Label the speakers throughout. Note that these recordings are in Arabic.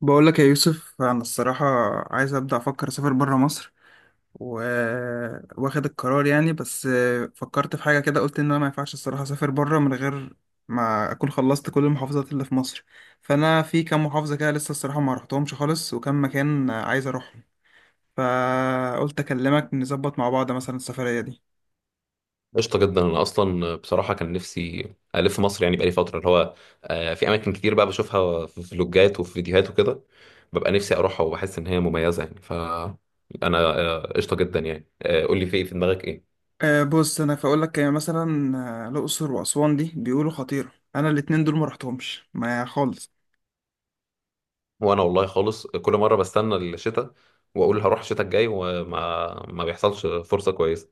Speaker 1: بقول لك يا يوسف، انا الصراحه عايز ابدا افكر اسافر بره مصر و... واخد القرار يعني. بس فكرت في حاجه كده، قلت ان انا ما ينفعش الصراحه اسافر بره من غير ما اكون خلصت كل المحافظات اللي في مصر. فانا في كام محافظه كده لسه الصراحه ما رحتهمش خالص، وكم مكان عايز اروحهم. فقلت اكلمك نظبط مع بعض مثلا السفريه دي.
Speaker 2: قشطة جدا أنا أصلا بصراحة كان نفسي ألف مصر، يعني بقالي فترة اللي هو في أماكن كتير بقى بشوفها في فلوجات وفي فيديوهات وكده، ببقى نفسي أروحها وبحس إن هي مميزة يعني. فأنا قشطة جدا يعني. قول لي في إيه في دماغك إيه؟
Speaker 1: بص انا فاقول لك يعني مثلا، الاقصر واسوان دي بيقولوا خطيره، انا الاتنين دول ما رحتهمش ما خالص.
Speaker 2: وأنا والله خالص كل مرة بستنى الشتاء وأقول هروح الشتاء الجاي، وما ما بيحصلش فرصة كويسة.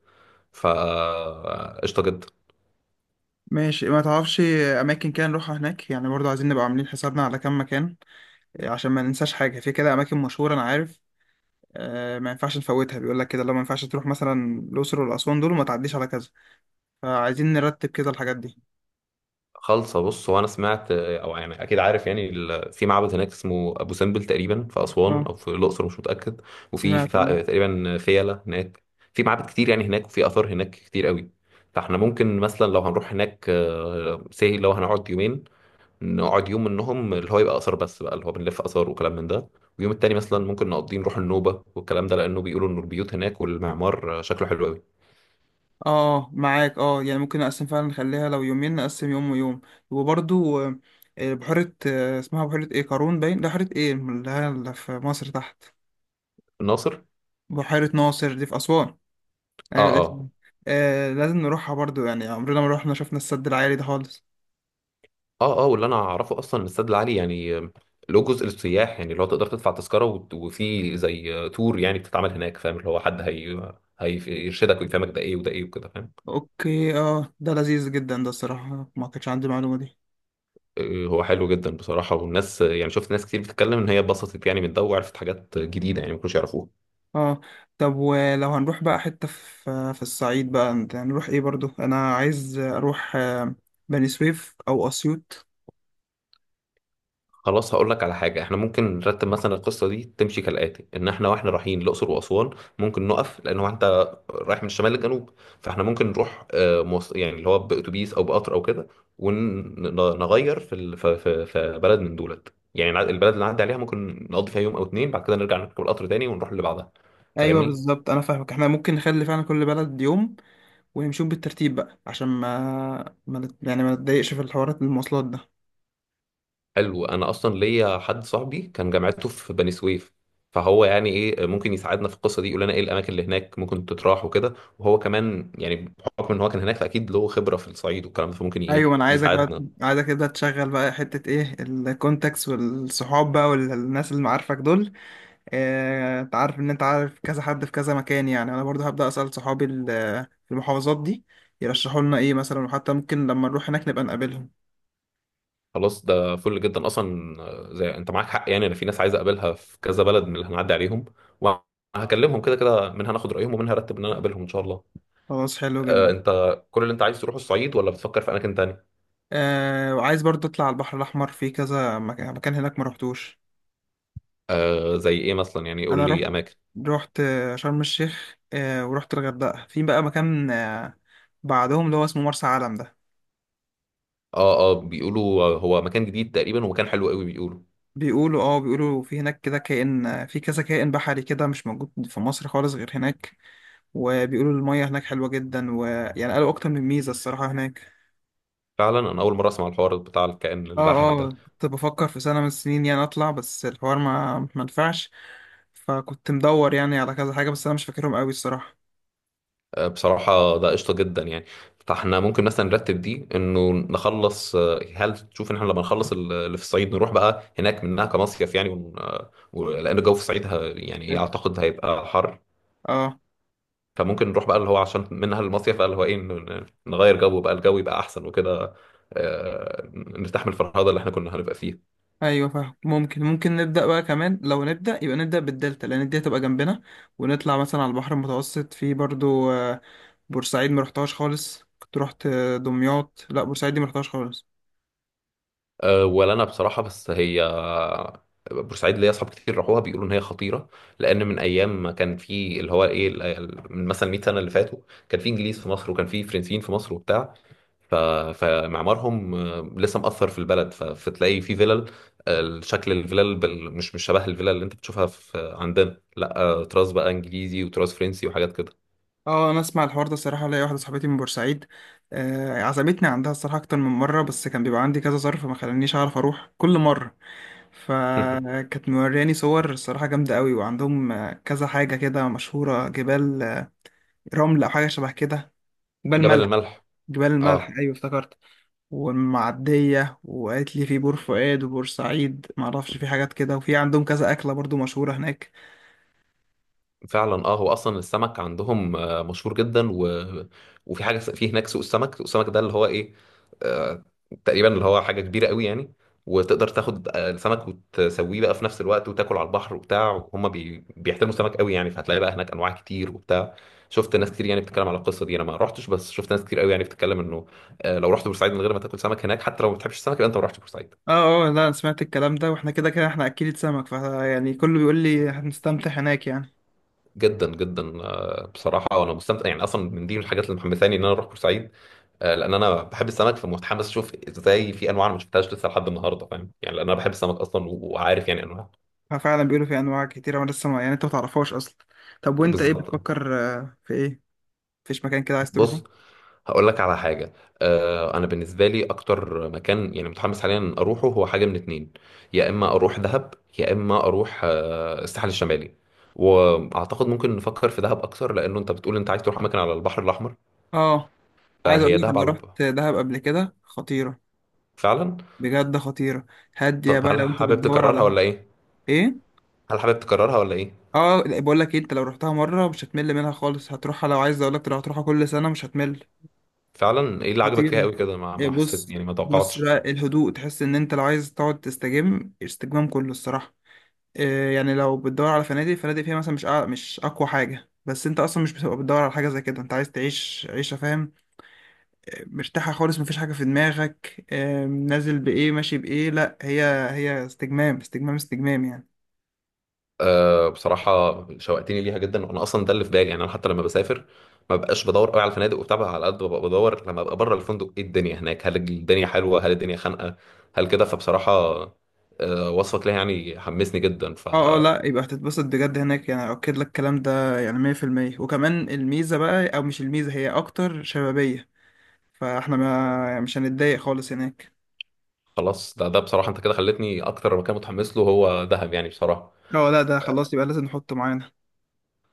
Speaker 2: فقشطة جدا.
Speaker 1: ماشي، ما تعرفش اماكن كده نروحها هناك يعني؟ برضه عايزين نبقى عاملين حسابنا على كام مكان، عشان ما ننساش حاجه. في كده اماكن مشهوره انا عارف، ما ينفعش نفوتها. بيقول لك كده، لو ما ينفعش تروح مثلا الاقصر والاسوان دول وما تعديش على كذا. فعايزين نرتب كده الحاجات دي.
Speaker 2: خالصه. بص، هو انا سمعت او يعني اكيد عارف، يعني في معبد هناك اسمه ابو سمبل تقريبا في اسوان
Speaker 1: اه
Speaker 2: او في الاقصر، مش متاكد. وفي
Speaker 1: سمعت، اه.
Speaker 2: تقريبا فيلة هناك. في معابد كتير يعني هناك، وفي اثار هناك كتير قوي. فاحنا ممكن مثلا لو هنروح هناك، لو هنقعد يومين، نقعد يوم منهم اللي هو يبقى اثار بس بقى، اللي هو بنلف اثار وكلام من ده. ويوم التاني مثلا ممكن نقضيه نروح النوبه والكلام ده، لانه بيقولوا ان البيوت هناك والمعمار شكله حلو قوي.
Speaker 1: اه معاك، اه يعني ممكن نقسم فعلا، نخليها لو يومين نقسم يوم ويوم. وبرضه بحيره، اسمها بحيره ايه؟ قارون؟ باين ده بحيره ايه اللي هي اللي في مصر تحت.
Speaker 2: الناصر.
Speaker 1: بحيره ناصر دي في اسوان؟
Speaker 2: اه،
Speaker 1: ايوه
Speaker 2: اه.
Speaker 1: الاسم. آه لازم نروحها برضو، يعني عمرنا ما روحنا شفنا السد العالي ده خالص.
Speaker 2: اه، اه، واللي انا اعرفه اصلا الاستاد العالي يعني، له جزء للسياح يعني، لو تقدر تدفع تذكره وفي زي تور يعني بتتعمل هناك، فاهم؟ اللي هو حد هيرشدك ويفهمك ده ايه وده ايه وكده، فاهم؟
Speaker 1: اوكي، اه ده لذيذ جدا، ده الصراحة ما كانش عندي المعلومة دي.
Speaker 2: هو حلو جدا بصراحه. والناس يعني، شفت ناس كتير بتتكلم ان هي اتبسطت يعني من ده، وعرفت حاجات جديده يعني ما كانوش يعرفوها.
Speaker 1: اه. طب ولو هنروح بقى حتة في في الصعيد بقى، انت هنروح ايه؟ برضو انا عايز اروح بني سويف او اسيوط.
Speaker 2: خلاص، هقول لك على حاجة. احنا ممكن نرتب مثلا القصة دي تمشي كالآتي: ان احنا واحنا رايحين الأقصر وأسوان، ممكن نقف، لان هو انت رايح من الشمال للجنوب. فاحنا ممكن نروح يعني اللي هو بأتوبيس او بقطر او كده. ونغير في ال- في في في بلد من دولت، يعني البلد اللي نعدي عليها ممكن نقضي فيها يوم او اتنين، بعد كده نرجع نركب القطر تاني ونروح اللي بعدها.
Speaker 1: ايوه
Speaker 2: فاهمني؟
Speaker 1: بالظبط، انا فاهمك. احنا ممكن نخلي فعلا كل بلد يوم، ونمشيهم بالترتيب بقى عشان ما, ما نت- يعني ما نتضايقش في الحوارات المواصلات ده.
Speaker 2: حلو، انا اصلا ليا حد صاحبي كان جامعته في بني سويف. فهو يعني ايه، ممكن يساعدنا في القصه دي، يقول لنا ايه الاماكن اللي هناك ممكن تتراح وكده. وهو كمان يعني، بحكم ان هو كان هناك فاكيد له خبره في الصعيد والكلام ده، فممكن ايه
Speaker 1: ايوه انا عايزك بقى،
Speaker 2: يساعدنا.
Speaker 1: عايزك تبدا تشغل بقى حته ايه الكونتاكس والصحاب بقى والناس اللي معارفك دول. انت عارف ان انت عارف كذا حد في كذا مكان. يعني انا برضو هبدا اسال صحابي في المحافظات دي، يرشحوا لنا ايه مثلا، وحتى ممكن لما نروح هناك نبقى نقابلهم.
Speaker 2: خلاص، ده فل جدا اصلا. زي انت معاك حق يعني، انا في ناس عايز اقابلها في كذا بلد من اللي هنعدي عليهم، وهكلمهم كده كده، منها ناخد رايهم ومنها ارتب ان انا اقابلهم ان شاء الله.
Speaker 1: خلاص حلو جدا.
Speaker 2: انت كل اللي انت عايز تروح الصعيد، ولا بتفكر في اماكن تانية؟
Speaker 1: آه، وعايز برضو اطلع على البحر الاحمر، في كذا مكان مكان هناك ما رحتوش.
Speaker 2: زي ايه مثلا؟ يعني قول
Speaker 1: انا رحت،
Speaker 2: لي اماكن.
Speaker 1: رحت شرم الشيخ، آه ورحت الغردقه. في بقى مكان آه بعدهم اللي هو اسمه مرسى علم ده.
Speaker 2: اه، اه، بيقولوا هو مكان جديد تقريبا ومكان حلو قوي بيقولوا.
Speaker 1: بيقولوا، اه بيقولوا في هناك كده كائن، في كذا كائن بحري كده مش موجود في مصر خالص غير هناك. وبيقولوا المية هناك حلوة جدا، ويعني قالوا أكتر من ميزة الصراحة هناك.
Speaker 2: فعلا، انا اول مره اسمع الحوار بتاع الكائن
Speaker 1: اه.
Speaker 2: البحري ده.
Speaker 1: اه كنت بفكر في سنة من السنين يعني أطلع، بس الحوار ما نفعش. فكنت مدور يعني على كذا حاجة، بس أنا مش فاكرهم قوي الصراحة.
Speaker 2: بصراحه ده قشطه جدا يعني. فاحنا ممكن مثلا نرتب دي انه نخلص. هل تشوف ان احنا لما نخلص اللي في الصعيد نروح بقى هناك منها كمصيف يعني، لان الجو في الصعيد يعني ايه،
Speaker 1: هيبقى،
Speaker 2: اعتقد هيبقى حر.
Speaker 1: اه.
Speaker 2: فممكن نروح بقى اللي هو عشان منها المصيف بقى، اللي هو ايه، نغير جو بقى، الجو يبقى احسن وكده. نرتاح من الفرهده اللي احنا كنا هنبقى فيها.
Speaker 1: ايوه فاهم، ممكن ممكن نبدا بقى كمان. لو نبدا، يبقى نبدا بالدلتا لان الدلتا تبقى جنبنا. ونطلع مثلا على البحر المتوسط. في برضو بورسعيد ما رحتهاش خالص. كنت رحت دمياط، لا بورسعيد دي ما رحتهاش خالص.
Speaker 2: ولا انا بصراحه، بس هي بورسعيد ليا اصحاب كتير راحوها بيقولوا ان هي خطيره. لان من ايام ما كان في اللي هو ايه من مثلا 100 سنه اللي فاتوا، كان في انجليز في مصر وكان في فرنسيين في مصر وبتاع. ف... فمعمارهم لسه مأثر في البلد. فتلاقي في فيلل. شكل الفيلل مش شبه الفيلل اللي انت بتشوفها في عندنا، لا، تراث بقى انجليزي وتراث فرنسي وحاجات كده.
Speaker 1: اه، انا اسمع الحوار ده الصراحه. ليا واحده صاحبتي من بورسعيد، عزمتني عندها الصراحه اكتر من مره، بس كان بيبقى عندي كذا ظرف ما خلانيش اعرف اروح كل مره. فكانت مورياني صور الصراحه جامده قوي. وعندهم كذا حاجه كده مشهوره، جبال رمل او حاجه شبه كده. جبال
Speaker 2: جبل
Speaker 1: ملح.
Speaker 2: الملح.
Speaker 1: جبال الملح،
Speaker 2: اه.
Speaker 1: ايوه افتكرت. والمعديه، وقالت لي في بور فؤاد وبور سعيد ما اعرفش في حاجات كده، وفي عندهم كذا اكله برضو مشهوره هناك.
Speaker 2: فعلا، اه، هو اصلا السمك عندهم مشهور جدا وفي حاجه في هناك سوق السمك، سوق السمك ده اللي هو ايه، آه، تقريبا اللي هو حاجه كبيره قوي يعني. وتقدر تاخد السمك وتسويه بقى في نفس الوقت وتاكل على البحر وبتاع. هم بيحترموا السمك قوي يعني، فهتلاقي بقى هناك انواع كتير وبتاع. شفت ناس كتير يعني بتتكلم على القصه دي، انا ما رحتش، بس شفت ناس كتير قوي يعني بتتكلم انه لو رحت بورسعيد من غير ما تاكل سمك هناك، حتى لو ما بتحبش السمك، يبقى انت ما رحتش بورسعيد.
Speaker 1: اه اه، لا انا سمعت الكلام ده، واحنا كده كده احنا اكيد سمك، ف يعني كله بيقول لي هنستمتع هناك يعني.
Speaker 2: جدا جدا، بصراحه انا مستمتع يعني، اصلا من دي من الحاجات اللي محمساني ان انا اروح بورسعيد. لان انا بحب السمك، فمتحمس اشوف ازاي في انواع انا ما شفتهاش لسه لحد النهارده، فاهم يعني؟ لان انا بحب السمك اصلا، وعارف يعني انواع.
Speaker 1: ففعلا بيقولوا في انواع كتيره، وانا لسه يعني انت ما تعرفهاش اصلا. طب وانت ايه
Speaker 2: بالظبط.
Speaker 1: بتفكر في ايه؟ مفيش مكان كده عايز تروحه؟
Speaker 2: بص، هقول لك على حاجه. انا بالنسبه لي اكتر مكان يعني متحمس حاليا اروحه، هو حاجه من اتنين. يا اما اروح دهب، يا اما اروح الساحل الشمالي. واعتقد ممكن نفكر في دهب اكتر، لانه انت بتقول انت عايز تروح اماكن على البحر الاحمر.
Speaker 1: اه، عايز اقول
Speaker 2: فهي
Speaker 1: لك
Speaker 2: دهب
Speaker 1: انا
Speaker 2: على
Speaker 1: رحت دهب قبل كده، خطيره.
Speaker 2: فعلا.
Speaker 1: بجد خطيره. هاديه
Speaker 2: طب
Speaker 1: بقى لو انت بتدور على ايه.
Speaker 2: هل حابب تكررها ولا ايه؟
Speaker 1: اه بقول لك انت لو رحتها مره مش هتمل منها خالص، هتروحها. لو عايز اقول لك، لو هتروحها كل سنه مش هتمل.
Speaker 2: فعلا، ايه اللي عجبك فيها
Speaker 1: خطيره.
Speaker 2: قوي كده؟ ما
Speaker 1: إيه
Speaker 2: ما حسيت
Speaker 1: بص.
Speaker 2: يعني، ما
Speaker 1: بص
Speaker 2: توقعتش.
Speaker 1: بقى الهدوء، تحس ان انت لو عايز تقعد تستجم، استجمام كله الصراحه. إيه يعني لو بتدور على فنادق، فنادق فيها مثلا مش اقوى حاجه، بس انت اصلا مش بتبقى بتدور على حاجه زي كده. انت عايز تعيش عيشه، فاهم؟ مرتاحه خالص، مفيش حاجه في دماغك نازل بايه ماشي بايه، لا. هي استجمام استجمام استجمام يعني.
Speaker 2: بصراحه، شوقتني ليها جدا. وانا اصلا ده اللي في بالي يعني، انا حتى لما بسافر، ما بقاش بدور قوي على الفنادق وبتاع، بقى على قد ما ببقى بدور لما ابقى بره الفندق ايه الدنيا هناك، هل الدنيا حلوه، هل الدنيا خانقه، هل كده. فبصراحه، وصفك ليها يعني حمسني جدا،
Speaker 1: اه اه،
Speaker 2: فخلاص.
Speaker 1: لا يبقى هتتبسط بجد هناك يعني، اؤكد لك الكلام ده يعني 100%. وكمان الميزة بقى، او مش الميزة، هي اكتر شبابية. فاحنا ما، يعني مش هنتضايق خالص هناك.
Speaker 2: ده بصراحه، انت كده خلتني اكتر مكان متحمس له هو دهب يعني بصراحه.
Speaker 1: اه لا ده خلاص يبقى لازم نحطه معانا.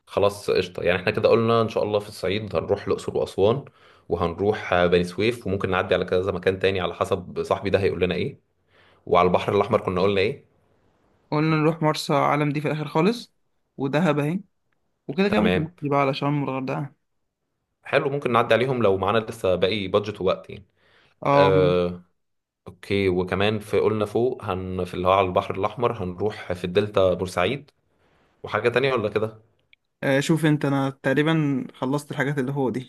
Speaker 2: خلاص، قشطة يعني. احنا كده قلنا ان شاء الله في الصعيد هنروح الأقصر وأسوان. وهنروح بني سويف، وممكن نعدي على كذا مكان تاني على حسب صاحبي ده هيقول لنا ايه. وعلى البحر الأحمر كنا قلنا ايه؟
Speaker 1: قلنا نروح مرسى علم دي في الاخر خالص، ودهب اهي. وكده كده ممكن
Speaker 2: تمام.
Speaker 1: نحكي بقى على شرم والغردقة.
Speaker 2: حلو، ممكن نعدي عليهم لو معانا لسه باقي بادجت ووقت يعني.
Speaker 1: اه ماشي.
Speaker 2: آه، اوكي. وكمان في قلنا فوق في اللي هو على البحر الأحمر هنروح، في الدلتا بورسعيد. وحاجة تانية ولا كده؟
Speaker 1: شوف انت، انا تقريبا خلصت الحاجات اللي هو دي.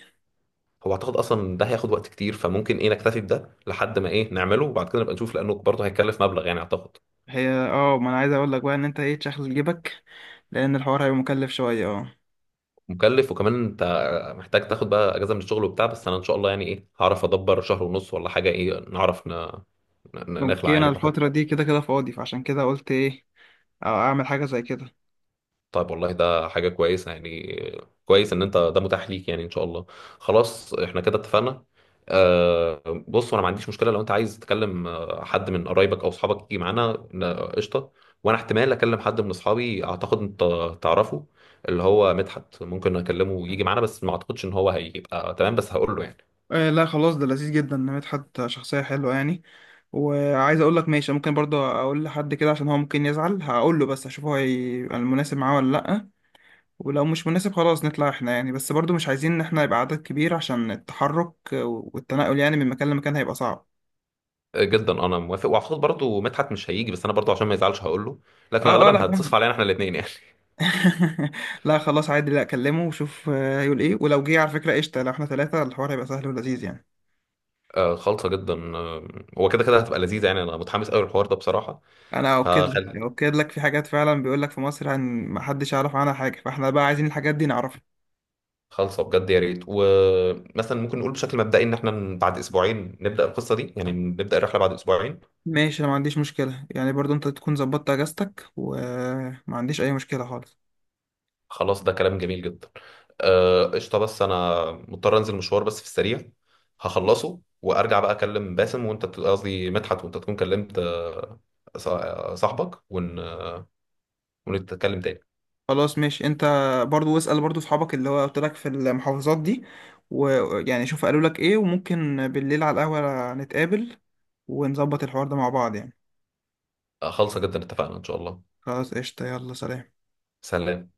Speaker 2: هو اعتقد اصلا ده هياخد وقت كتير، فممكن ايه نكتفي بده لحد ما ايه نعمله، وبعد كده نبقى نشوف، لانه برضه هيكلف مبلغ يعني اعتقد.
Speaker 1: هي اه، ما انا عايز اقول لك بقى ان انت ايه تشغل جيبك، لان الحوار هيبقى مكلف شوية اه.
Speaker 2: مكلف، وكمان انت محتاج تاخد بقى اجازه من الشغل وبتاع، بس انا ان شاء الله يعني ايه، هعرف ادبر شهر ونص ولا حاجه، ايه نعرف نخلع
Speaker 1: اوكي انا
Speaker 2: يعني براحتنا.
Speaker 1: الفترة دي كده كده فاضي، فعشان كده قلت ايه او اعمل حاجه زي كده.
Speaker 2: طيب، والله ده حاجه كويسه يعني. كويس ان انت ده متاح ليك يعني، ان شاء الله. خلاص، احنا كده اتفقنا. بص، انا ما عنديش مشكله لو انت عايز تكلم حد من قرايبك او اصحابك يجي معانا، قشطه. وانا احتمال اكلم حد من اصحابي، اعتقد انت تعرفه، اللي هو مدحت، ممكن اكلمه يجي معانا، بس ما اعتقدش ان هو هيبقى تمام، بس هقول له يعني.
Speaker 1: آه لا خلاص، ده لذيذ جدا إن مدحت شخصيه حلوه يعني. وعايز اقول لك ماشي، ممكن برضه اقول لحد كده عشان هو ممكن يزعل، هقول له بس اشوف هو هيبقى المناسب معاه ولا لا. ولو مش مناسب خلاص نطلع احنا يعني. بس برضه مش عايزين ان احنا يبقى عدد كبير، عشان التحرك والتنقل يعني من مكان لمكان هيبقى صعب.
Speaker 2: جدا. انا موافق، واعتقد برضو مدحت مش هيجي، بس انا برضو عشان ما يزعلش هقول له، لكن
Speaker 1: اه اه، لا
Speaker 2: غالبا
Speaker 1: فاهم.
Speaker 2: هتصف علينا احنا الاثنين يعني.
Speaker 1: لا خلاص عادي، لا اكلمه وشوف هيقول ايه. ولو جه على فكره قشطه، لو احنا ثلاثه الحوار هيبقى سهل ولذيذ يعني.
Speaker 2: آه، خالصه جدا، آه. هو كده كده هتبقى لذيذه يعني، انا متحمس قوي للحوار ده بصراحه.
Speaker 1: انا اؤكد لك،
Speaker 2: فخل
Speaker 1: اؤكد لك في حاجات فعلا بيقول لك في مصر عن ما حدش يعرف عنها حاجه، فاحنا بقى عايزين الحاجات دي نعرفها.
Speaker 2: خالصه بجد، يا ريت. ومثلا ممكن نقول بشكل مبدئي ان احنا بعد اسبوعين نبدا القصه دي، يعني نبدا الرحله بعد اسبوعين.
Speaker 1: ماشي انا ما عنديش مشكله، يعني برضو انت تكون ظبطت اجازتك، وما عنديش اي مشكله خالص.
Speaker 2: خلاص، ده كلام جميل جدا. قشطه، بس انا مضطر انزل مشوار بس في السريع. هخلصه وارجع بقى اكلم باسم، وانت قصدي مدحت، وانت تكون كلمت صاحبك، ونتكلم تاني.
Speaker 1: خلاص ماشي انت، برضو اسال برضو اصحابك اللي هو قلت لك في المحافظات دي، ويعني شوف قالوا لك ايه، وممكن بالليل على القهوه نتقابل ونظبط الحوار ده مع بعض يعني.
Speaker 2: خالصة جدا، اتفقنا ان شاء الله.
Speaker 1: خلاص قشطه، يلا سلام.
Speaker 2: سلام.